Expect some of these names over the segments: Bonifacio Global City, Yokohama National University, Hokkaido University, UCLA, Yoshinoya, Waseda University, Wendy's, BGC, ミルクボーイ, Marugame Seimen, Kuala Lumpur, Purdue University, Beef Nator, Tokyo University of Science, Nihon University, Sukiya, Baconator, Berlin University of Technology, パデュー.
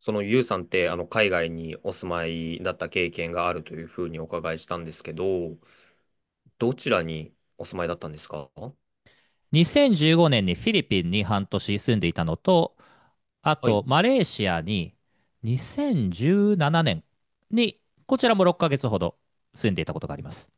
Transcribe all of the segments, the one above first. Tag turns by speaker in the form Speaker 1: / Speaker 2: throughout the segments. Speaker 1: そのユウさんって、海外にお住まいだった経験があるというふうにお伺いしたんですけど、どちらにお住まいだったんですか？
Speaker 2: 2015年にフィリピンに半年住んでいたのと、あ
Speaker 1: はい。
Speaker 2: とマレーシアに2017年にこちらも6ヶ月ほど住んでいたことがあります。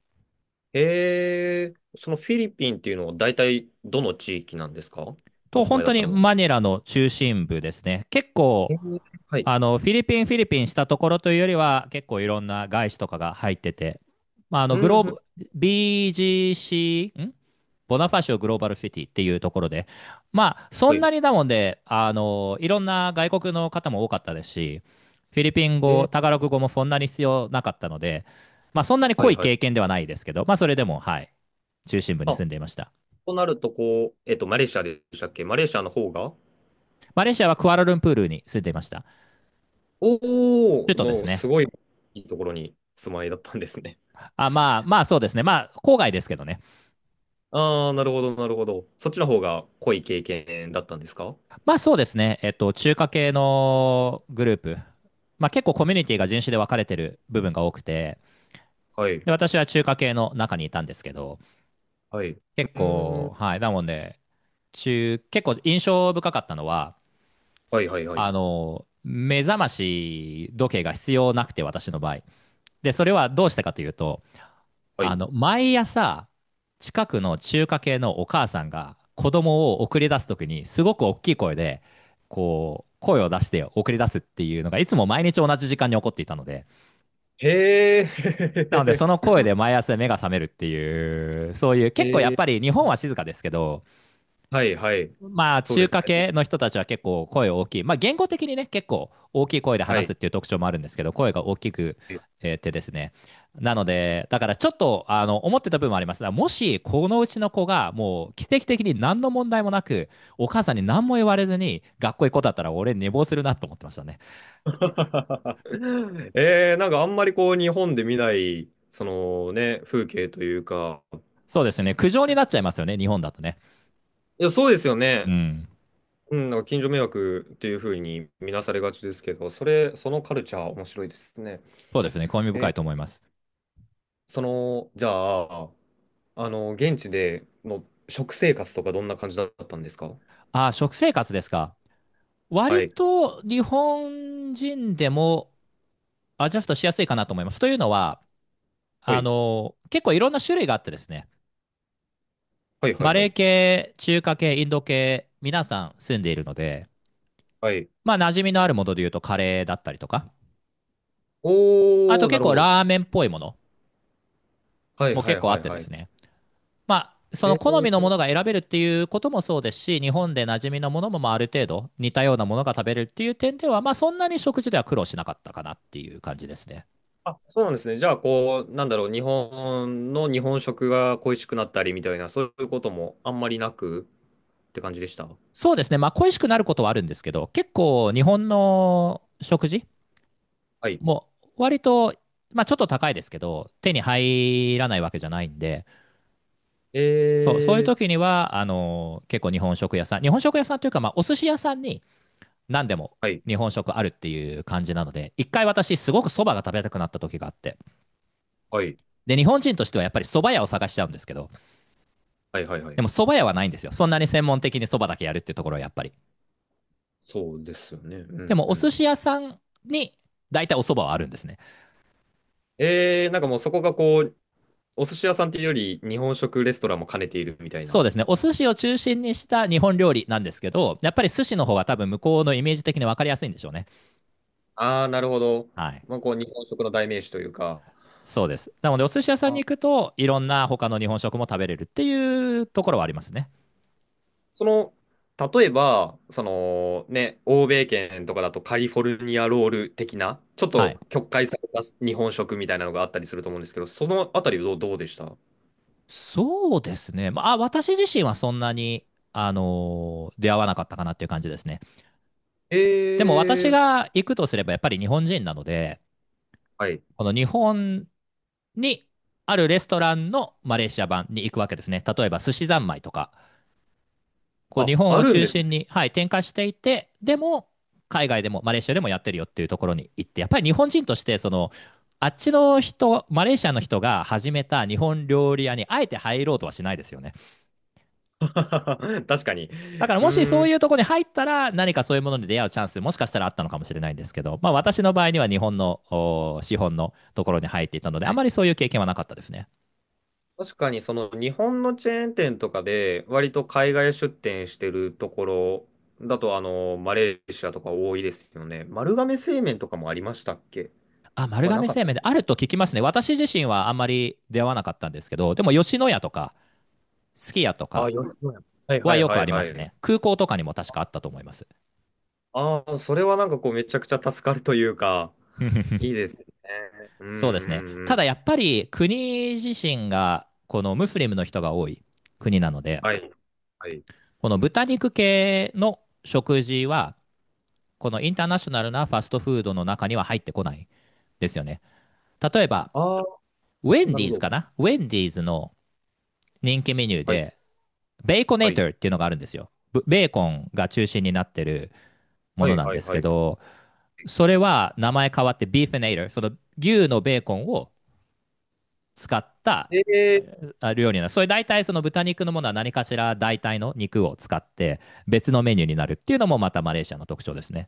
Speaker 1: そのフィリピンっていうのは大体どの地域なんですか？お住ま
Speaker 2: 本
Speaker 1: いだ
Speaker 2: 当
Speaker 1: った
Speaker 2: に
Speaker 1: のは。
Speaker 2: マニラの中心部ですね。結構
Speaker 1: えー、はい。
Speaker 2: フィリピンしたところというよりは、結構いろんな外資とかが入ってて、まあ、
Speaker 1: う
Speaker 2: グロー
Speaker 1: ん、うん。
Speaker 2: ブ、BGC、ボナファシオグローバルシティっていうところで、まあ、そ
Speaker 1: は
Speaker 2: ん
Speaker 1: いは
Speaker 2: なに
Speaker 1: い。
Speaker 2: だもんで、いろんな外国の方も多かったですし、フィリピン
Speaker 1: え
Speaker 2: 語、
Speaker 1: ー、
Speaker 2: タガログ語もそんなに必要なかったので、まあ、そんなに
Speaker 1: は
Speaker 2: 濃
Speaker 1: い
Speaker 2: い
Speaker 1: はい。
Speaker 2: 経験ではないですけど、まあ、それでも、はい、中心部に住
Speaker 1: あ、
Speaker 2: んでいました。
Speaker 1: となると、こう、マレーシアでしたっけ？マレーシアの方が、
Speaker 2: マレーシアはクアラルンプールに住んでいました。
Speaker 1: お
Speaker 2: 首
Speaker 1: ー、
Speaker 2: 都です
Speaker 1: の、
Speaker 2: ね。
Speaker 1: すごいいいところにお住まいだったんですね。
Speaker 2: あ、まあ、まあ、そうですね。まあ、郊外ですけどね。
Speaker 1: ああ、なるほど、なるほど。そっちの方が濃い経験だったんですか？
Speaker 2: まあ、そうですね。中華系のグループ。まあ、結構コミュニティが人種で分かれてる部分が多くて、
Speaker 1: はい、
Speaker 2: で、私は中華系の中にいたんですけど、
Speaker 1: はい。う
Speaker 2: 結
Speaker 1: ー
Speaker 2: 構、
Speaker 1: ん。
Speaker 2: はい。なので、結構印象深かったのは、
Speaker 1: はい、はい、はい。
Speaker 2: 目覚まし時計が必要なくて、私の場合。で、それはどうしたかというと、
Speaker 1: はい。
Speaker 2: 毎朝、近くの中華系のお母さんが子供を送り出すときに、すごく大きい声で、こう、声を出して送り出すっていうのが、いつも毎日同じ時間に起こっていたので、
Speaker 1: へえ、
Speaker 2: なので、その 声で毎朝目が覚めるっていう、そういう、結構や
Speaker 1: へ
Speaker 2: っ
Speaker 1: え、
Speaker 2: ぱり日本は静かですけど、
Speaker 1: はい、はい。
Speaker 2: まあ、
Speaker 1: そうで
Speaker 2: 中
Speaker 1: す
Speaker 2: 華
Speaker 1: ね。
Speaker 2: 系の人たちは結構声大きい。まあ、言語的にね、結構大きい声で
Speaker 1: は
Speaker 2: 話す
Speaker 1: い。
Speaker 2: っていう特徴もあるんですけど、声が大きくてですね。なので、だからちょっと、思ってた部分もあります。だからもし、このうちの子が、もう、奇跡的に何の問題もなく、お母さんに何も言われずに、学校行く子だったら、俺、寝坊するなと思ってましたね。
Speaker 1: なんかあんまりこう日本で見ない、そのね、風景というか、
Speaker 2: そうですね。苦情になっちゃいますよね、日本だとね。
Speaker 1: いや、そうですよ
Speaker 2: う
Speaker 1: ね。
Speaker 2: ん。
Speaker 1: うん、なんか近所迷惑っていうふうに見なされがちですけど、それ、そのカルチャー面白いですね。
Speaker 2: そうですね。興味深
Speaker 1: え、
Speaker 2: いと思います。
Speaker 1: その、じゃあ、現地での食生活とかどんな感じだったんですか？
Speaker 2: ああ、食生活ですか。
Speaker 1: は
Speaker 2: 割
Speaker 1: い。
Speaker 2: と日本人でもアジャストしやすいかなと思います。というのは、
Speaker 1: はい。
Speaker 2: 結構いろんな種類があってですね、
Speaker 1: はいは
Speaker 2: マ
Speaker 1: いは
Speaker 2: レー
Speaker 1: い。
Speaker 2: 系、中華系、インド系、皆さん住んでいるので、
Speaker 1: はい。
Speaker 2: まあ、馴染みのあるもので言うとカレーだったりとか、あ
Speaker 1: お
Speaker 2: と
Speaker 1: ー、な
Speaker 2: 結
Speaker 1: るほ
Speaker 2: 構
Speaker 1: ど。
Speaker 2: ラーメンっぽいもの
Speaker 1: はい
Speaker 2: も
Speaker 1: は
Speaker 2: 結
Speaker 1: い
Speaker 2: 構あ
Speaker 1: は
Speaker 2: っ
Speaker 1: い
Speaker 2: てで
Speaker 1: は
Speaker 2: す
Speaker 1: い。
Speaker 2: ね、まあ、そ
Speaker 1: え
Speaker 2: の好みのも
Speaker 1: ー、
Speaker 2: のが選べるっていうこともそうですし、日本で馴染みのものもまあある程度似たようなものが食べれるっていう点では、まあ、そんなに食事では苦労しなかったかなっていう感じですね。
Speaker 1: あ、そうなんですね。じゃあ、こう、なんだろう、日本の日本食が恋しくなったりみたいな、そういうこともあんまりなくって感じでした。
Speaker 2: そうですね、まあ、恋しくなることはあるんですけど、結構日本の食事
Speaker 1: はい。
Speaker 2: もう割と、まあ、ちょっと高いですけど、手に入らないわけじゃないんで、そうそういう
Speaker 1: え
Speaker 2: 時に
Speaker 1: ー、
Speaker 2: は結構日本食屋さん、日本食屋さんというか、まあ、お寿司屋さんに何でも
Speaker 1: はい。
Speaker 2: 日本食あるっていう感じなので、一回私、すごくそばが食べたくなった時があって、
Speaker 1: はい。
Speaker 2: で、日本人としてはやっぱりそば屋を探しちゃうんですけど、
Speaker 1: はいはいは
Speaker 2: で
Speaker 1: い。
Speaker 2: も、そば屋はないんですよ、そんなに専門的にそばだけやるっていうところはやっぱり。
Speaker 1: そうですよね。う
Speaker 2: で
Speaker 1: ん
Speaker 2: も、
Speaker 1: う
Speaker 2: お寿
Speaker 1: ん。
Speaker 2: 司屋さんに大体おそばはあるんですね。
Speaker 1: なんかもうそこがこう、お寿司屋さんっていうより、日本食レストランも兼ねているみたい
Speaker 2: そう
Speaker 1: な。
Speaker 2: ですね。お寿司を中心にした日本料理なんですけど、やっぱり寿司の方が多分向こうのイメージ的に分かりやすいんでしょうね。
Speaker 1: ああ、なるほど。
Speaker 2: はい。
Speaker 1: まあ、こう、日本食の代名詞というか、
Speaker 2: そうです。なので、お寿司屋さん
Speaker 1: あ
Speaker 2: に行くと、いろんな他の日本食も食べれるっていうところはありますね。
Speaker 1: その、例えば、そのね、欧米圏とかだとカリフォルニアロール的な、ちょっ
Speaker 2: はい。
Speaker 1: と曲解された日本食みたいなのがあったりすると思うんですけど、そのあたりはどう、どうでした？
Speaker 2: そうですね。まあ、私自身はそんなに、出会わなかったかなっていう感じですね。
Speaker 1: え
Speaker 2: でも、私
Speaker 1: ー、
Speaker 2: が行くとすれば、やっぱり日本人なので、
Speaker 1: はい。
Speaker 2: この日本にあるレストランのマレーシア版に行くわけですね。例えば、寿司三昧とか、こう日
Speaker 1: あ、
Speaker 2: 本
Speaker 1: あ
Speaker 2: を
Speaker 1: るん
Speaker 2: 中
Speaker 1: ですね。
Speaker 2: 心に、はい、展開していて、でも、海外でもマレーシアでもやってるよっていうところに行って、やっぱり日本人としてあっちの人、マレーシアの人が始めた日本料理屋にあえて入ろうとはしないですよね。
Speaker 1: 確かに。
Speaker 2: だから、
Speaker 1: う
Speaker 2: もしそ
Speaker 1: ー
Speaker 2: う
Speaker 1: ん。
Speaker 2: いう
Speaker 1: は
Speaker 2: ところに入ったら、何かそういうものに出会うチャンス、もしかしたらあったのかもしれないんですけど、まあ、私の場合には日本のお資本のところに入っていたので、あまり
Speaker 1: い。
Speaker 2: そういう経験はなかったですね。
Speaker 1: 確かにその日本のチェーン店とかで割と海外出店してるところだとマレーシアとか多いですよね。丸亀製麺とかもありましたっけ？
Speaker 2: あ、丸
Speaker 1: はな
Speaker 2: 亀
Speaker 1: かっ
Speaker 2: 製
Speaker 1: た。
Speaker 2: 麺であると聞きますね。私自身はあんまり出会わなかったんですけど、でも、吉野家とか、すき家と
Speaker 1: あ
Speaker 2: か、
Speaker 1: あ、吉野家。はいは
Speaker 2: は
Speaker 1: い
Speaker 2: よ
Speaker 1: は
Speaker 2: くあ
Speaker 1: い
Speaker 2: りま
Speaker 1: は
Speaker 2: す
Speaker 1: い。
Speaker 2: ね。空港とかにも確かあったと思います。
Speaker 1: ああ、それはなんかこうめちゃくちゃ助かるというか、いい ですね。うんう
Speaker 2: そうですね。
Speaker 1: んう
Speaker 2: た
Speaker 1: ん。
Speaker 2: だ、やっぱり国自身がこのムスリムの人が多い国なので、
Speaker 1: はいはい。
Speaker 2: この豚肉系の食事は、このインターナショナルなファストフードの中には入ってこないですよね。例えば、
Speaker 1: あ
Speaker 2: ウェ
Speaker 1: あ、
Speaker 2: ン
Speaker 1: な
Speaker 2: デ
Speaker 1: る
Speaker 2: ィ
Speaker 1: ほ
Speaker 2: ーズ
Speaker 1: ど。
Speaker 2: かな、ウェンディーズの人気メニュー
Speaker 1: はい
Speaker 2: で、ベーコネ
Speaker 1: は
Speaker 2: ータ
Speaker 1: い
Speaker 2: ーっていうのがあるんですよ。ベーコンが中心になってるも
Speaker 1: は
Speaker 2: の
Speaker 1: い
Speaker 2: なん
Speaker 1: は
Speaker 2: で
Speaker 1: い
Speaker 2: す
Speaker 1: は
Speaker 2: け
Speaker 1: い。
Speaker 2: ど、それは名前変わってビーフネイター、その牛のベーコンを使った
Speaker 1: え
Speaker 2: 料理なの。それ、大体その豚肉のものは何かしら代替の肉を使って別のメニューになるっていうのもまたマレーシアの特徴ですね。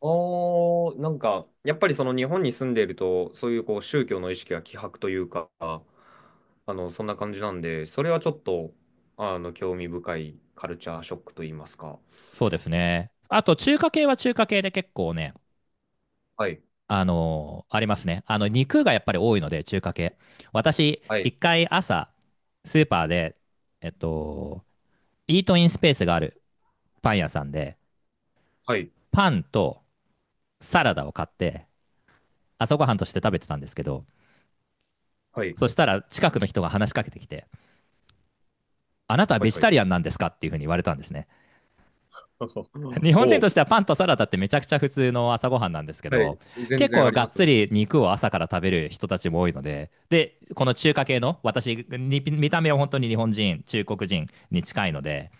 Speaker 1: ああ、なんか、やっぱりその日本に住んでいると、そういうこう宗教の意識が希薄というか、そんな感じなんで、それはちょっと、興味深いカルチャーショックと言いますか。
Speaker 2: そうですね。あと、中華系は中華系で結構ね、
Speaker 1: はい、
Speaker 2: ありますね。あの、肉がやっぱり多いので中華系。私、
Speaker 1: はい、
Speaker 2: 一回朝スーパーで、えっと、イートインスペースがあるパン屋さんで
Speaker 1: はい、
Speaker 2: パンとサラダを買って朝ごはんとして食べてたんですけど、
Speaker 1: はい、
Speaker 2: そしたら近くの人が話しかけてきて、あなたは
Speaker 1: は
Speaker 2: ベ
Speaker 1: い、
Speaker 2: ジ
Speaker 1: はい。
Speaker 2: タリアン なんですかっていうふうに言われたんですね。日本人
Speaker 1: ほ
Speaker 2: とし
Speaker 1: う。
Speaker 2: てはパンとサラダってめちゃくちゃ普通の朝ごはんなんですけ
Speaker 1: はい、
Speaker 2: ど、
Speaker 1: 全
Speaker 2: 結
Speaker 1: 然あ
Speaker 2: 構
Speaker 1: り
Speaker 2: がっ
Speaker 1: ます
Speaker 2: つ
Speaker 1: ね。
Speaker 2: り肉を朝から食べる人たちも多いので、で、この中華系の、私、に見た目は本当に日本人、中国人に近いので、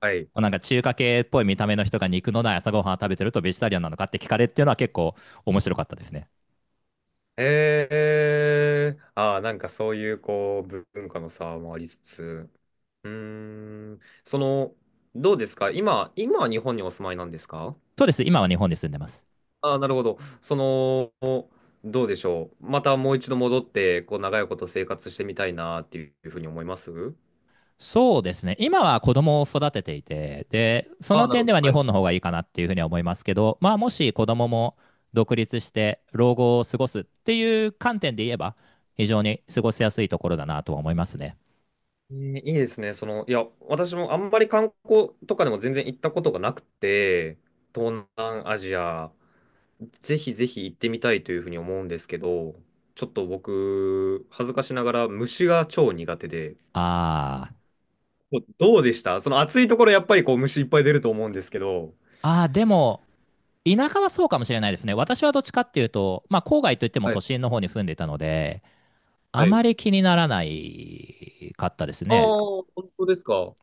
Speaker 1: はい。
Speaker 2: なんか中華系っぽい見た目の人が肉のない朝ごはんを食べてるとベジタリアンなのかって聞かれるっていうのは結構面白かったですね。
Speaker 1: ああ、なんかそういうこう、文化の差もありつつ、うーん、その、どうですか、今、今は日本にお住まいなんですか？
Speaker 2: そうです、今は日本に住んでます。
Speaker 1: ああ、なるほど。その、どうでしょう。またもう一度戻って、こう、長いこと生活してみたいなっていうふうに思います？
Speaker 2: そうですね。今は子供を育てていて、で、そ
Speaker 1: あ
Speaker 2: の
Speaker 1: あ、なる
Speaker 2: 点で
Speaker 1: ほど。
Speaker 2: は日
Speaker 1: はい。
Speaker 2: 本の方がいいかなっていうふうには思いますけど、まあ、もし子供も独立して老後を過ごすっていう観点で言えば、非常に過ごしやすいところだなとは思いますね。
Speaker 1: えーいいですね。その、いや、私もあんまり観光とかでも全然行ったことがなくて、東南アジア、ぜひぜひ行ってみたいというふうに思うんですけど、ちょっと僕、恥ずかしながら虫が超苦手で、
Speaker 2: あー、
Speaker 1: どどうでしたその暑いところやっぱりこう虫いっぱい出ると思うんですけど。
Speaker 2: あー、でも、田舎はそうかもしれないですね。私はどっちかっていうと、まあ、郊外といっても
Speaker 1: は
Speaker 2: 都
Speaker 1: い。
Speaker 2: 心の方に住んでいたので、あ
Speaker 1: はい。
Speaker 2: まり気にならないかったです
Speaker 1: ああ、
Speaker 2: ね。
Speaker 1: 本当ですか。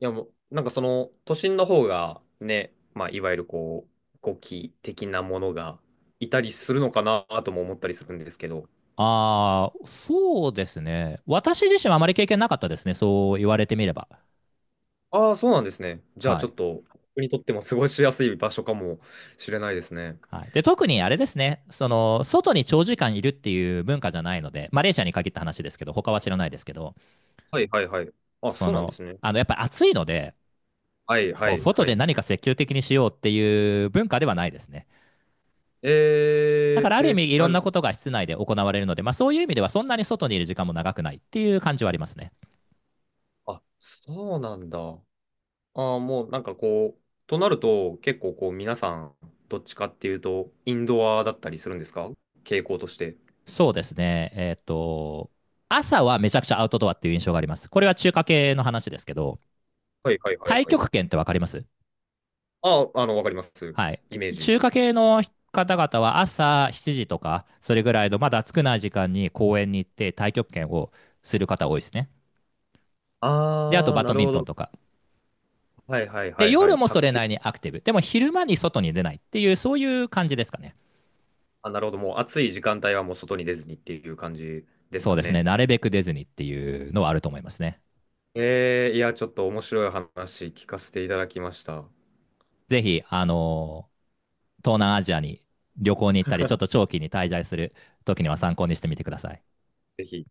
Speaker 1: いやもう、なんかその都心の方がね、まあいわゆるこう、ゴキ的なものがいたりするのかなとも思ったりするんですけど、
Speaker 2: ああ、そうですね。私自身はあまり経験なかったですね。そう言われてみれば。
Speaker 1: ああ、そうなんですね。じゃあ
Speaker 2: は
Speaker 1: ちょ
Speaker 2: い。
Speaker 1: っと、僕にとっても過ごしやすい場所かもしれないですね。
Speaker 2: はい、で、特にあれですね外に長時間いるっていう文化じゃないので、マレーシアに限った話ですけど、他は知らないですけど、
Speaker 1: はいはいはい。あ、そうなんですね。
Speaker 2: やっぱり暑いので、
Speaker 1: はいは
Speaker 2: こう
Speaker 1: い
Speaker 2: 外
Speaker 1: は
Speaker 2: で
Speaker 1: い。
Speaker 2: 何か積極的にしようっていう文化ではないですね。だから、ある意味、いろ
Speaker 1: あ、
Speaker 2: ん
Speaker 1: で、
Speaker 2: なことが室内で行われるので、まあ、そういう意味ではそんなに外にいる時間も長くないっていう感じはありますね。
Speaker 1: あそうなんだ。ああ、もうなんかこう、となると結構こう皆さん、どっちかっていうと、インドアだったりするんですか、傾向として。
Speaker 2: そうですね、朝はめちゃくちゃアウトドアっていう印象があります。これは中華系の話ですけど、
Speaker 1: はいはいはい
Speaker 2: 太
Speaker 1: はい。
Speaker 2: 極拳って分かります？
Speaker 1: あ、わかります。
Speaker 2: はい。
Speaker 1: イメージ。
Speaker 2: 中華系の方々は朝7時とか、それぐらいのまだ暑くない時間に公園に行って太極拳をする方多いですね。で、あと
Speaker 1: ああ、
Speaker 2: バ
Speaker 1: な
Speaker 2: ド
Speaker 1: る
Speaker 2: ミン
Speaker 1: ほ
Speaker 2: トン
Speaker 1: ど。
Speaker 2: とか。
Speaker 1: はいはい
Speaker 2: で、
Speaker 1: はいは
Speaker 2: 夜
Speaker 1: い。
Speaker 2: もそ
Speaker 1: 卓
Speaker 2: れな
Speaker 1: 球。
Speaker 2: りにアクティブ。でも、昼間に外に出ないっていう、そういう感じですかね。
Speaker 1: あ、なるほど。もう暑い時間帯はもう外に出ずにっていう感じです
Speaker 2: そう
Speaker 1: か
Speaker 2: ですね。
Speaker 1: ね。
Speaker 2: なるべく出ずにっていうのはあると思いますね。
Speaker 1: いや、ちょっと面白い話聞かせていただきました。
Speaker 2: ぜひ、東南アジアに旅行に行ったり、ちょっと長期に滞在する時には参考にしてみてください。
Speaker 1: ぜひ。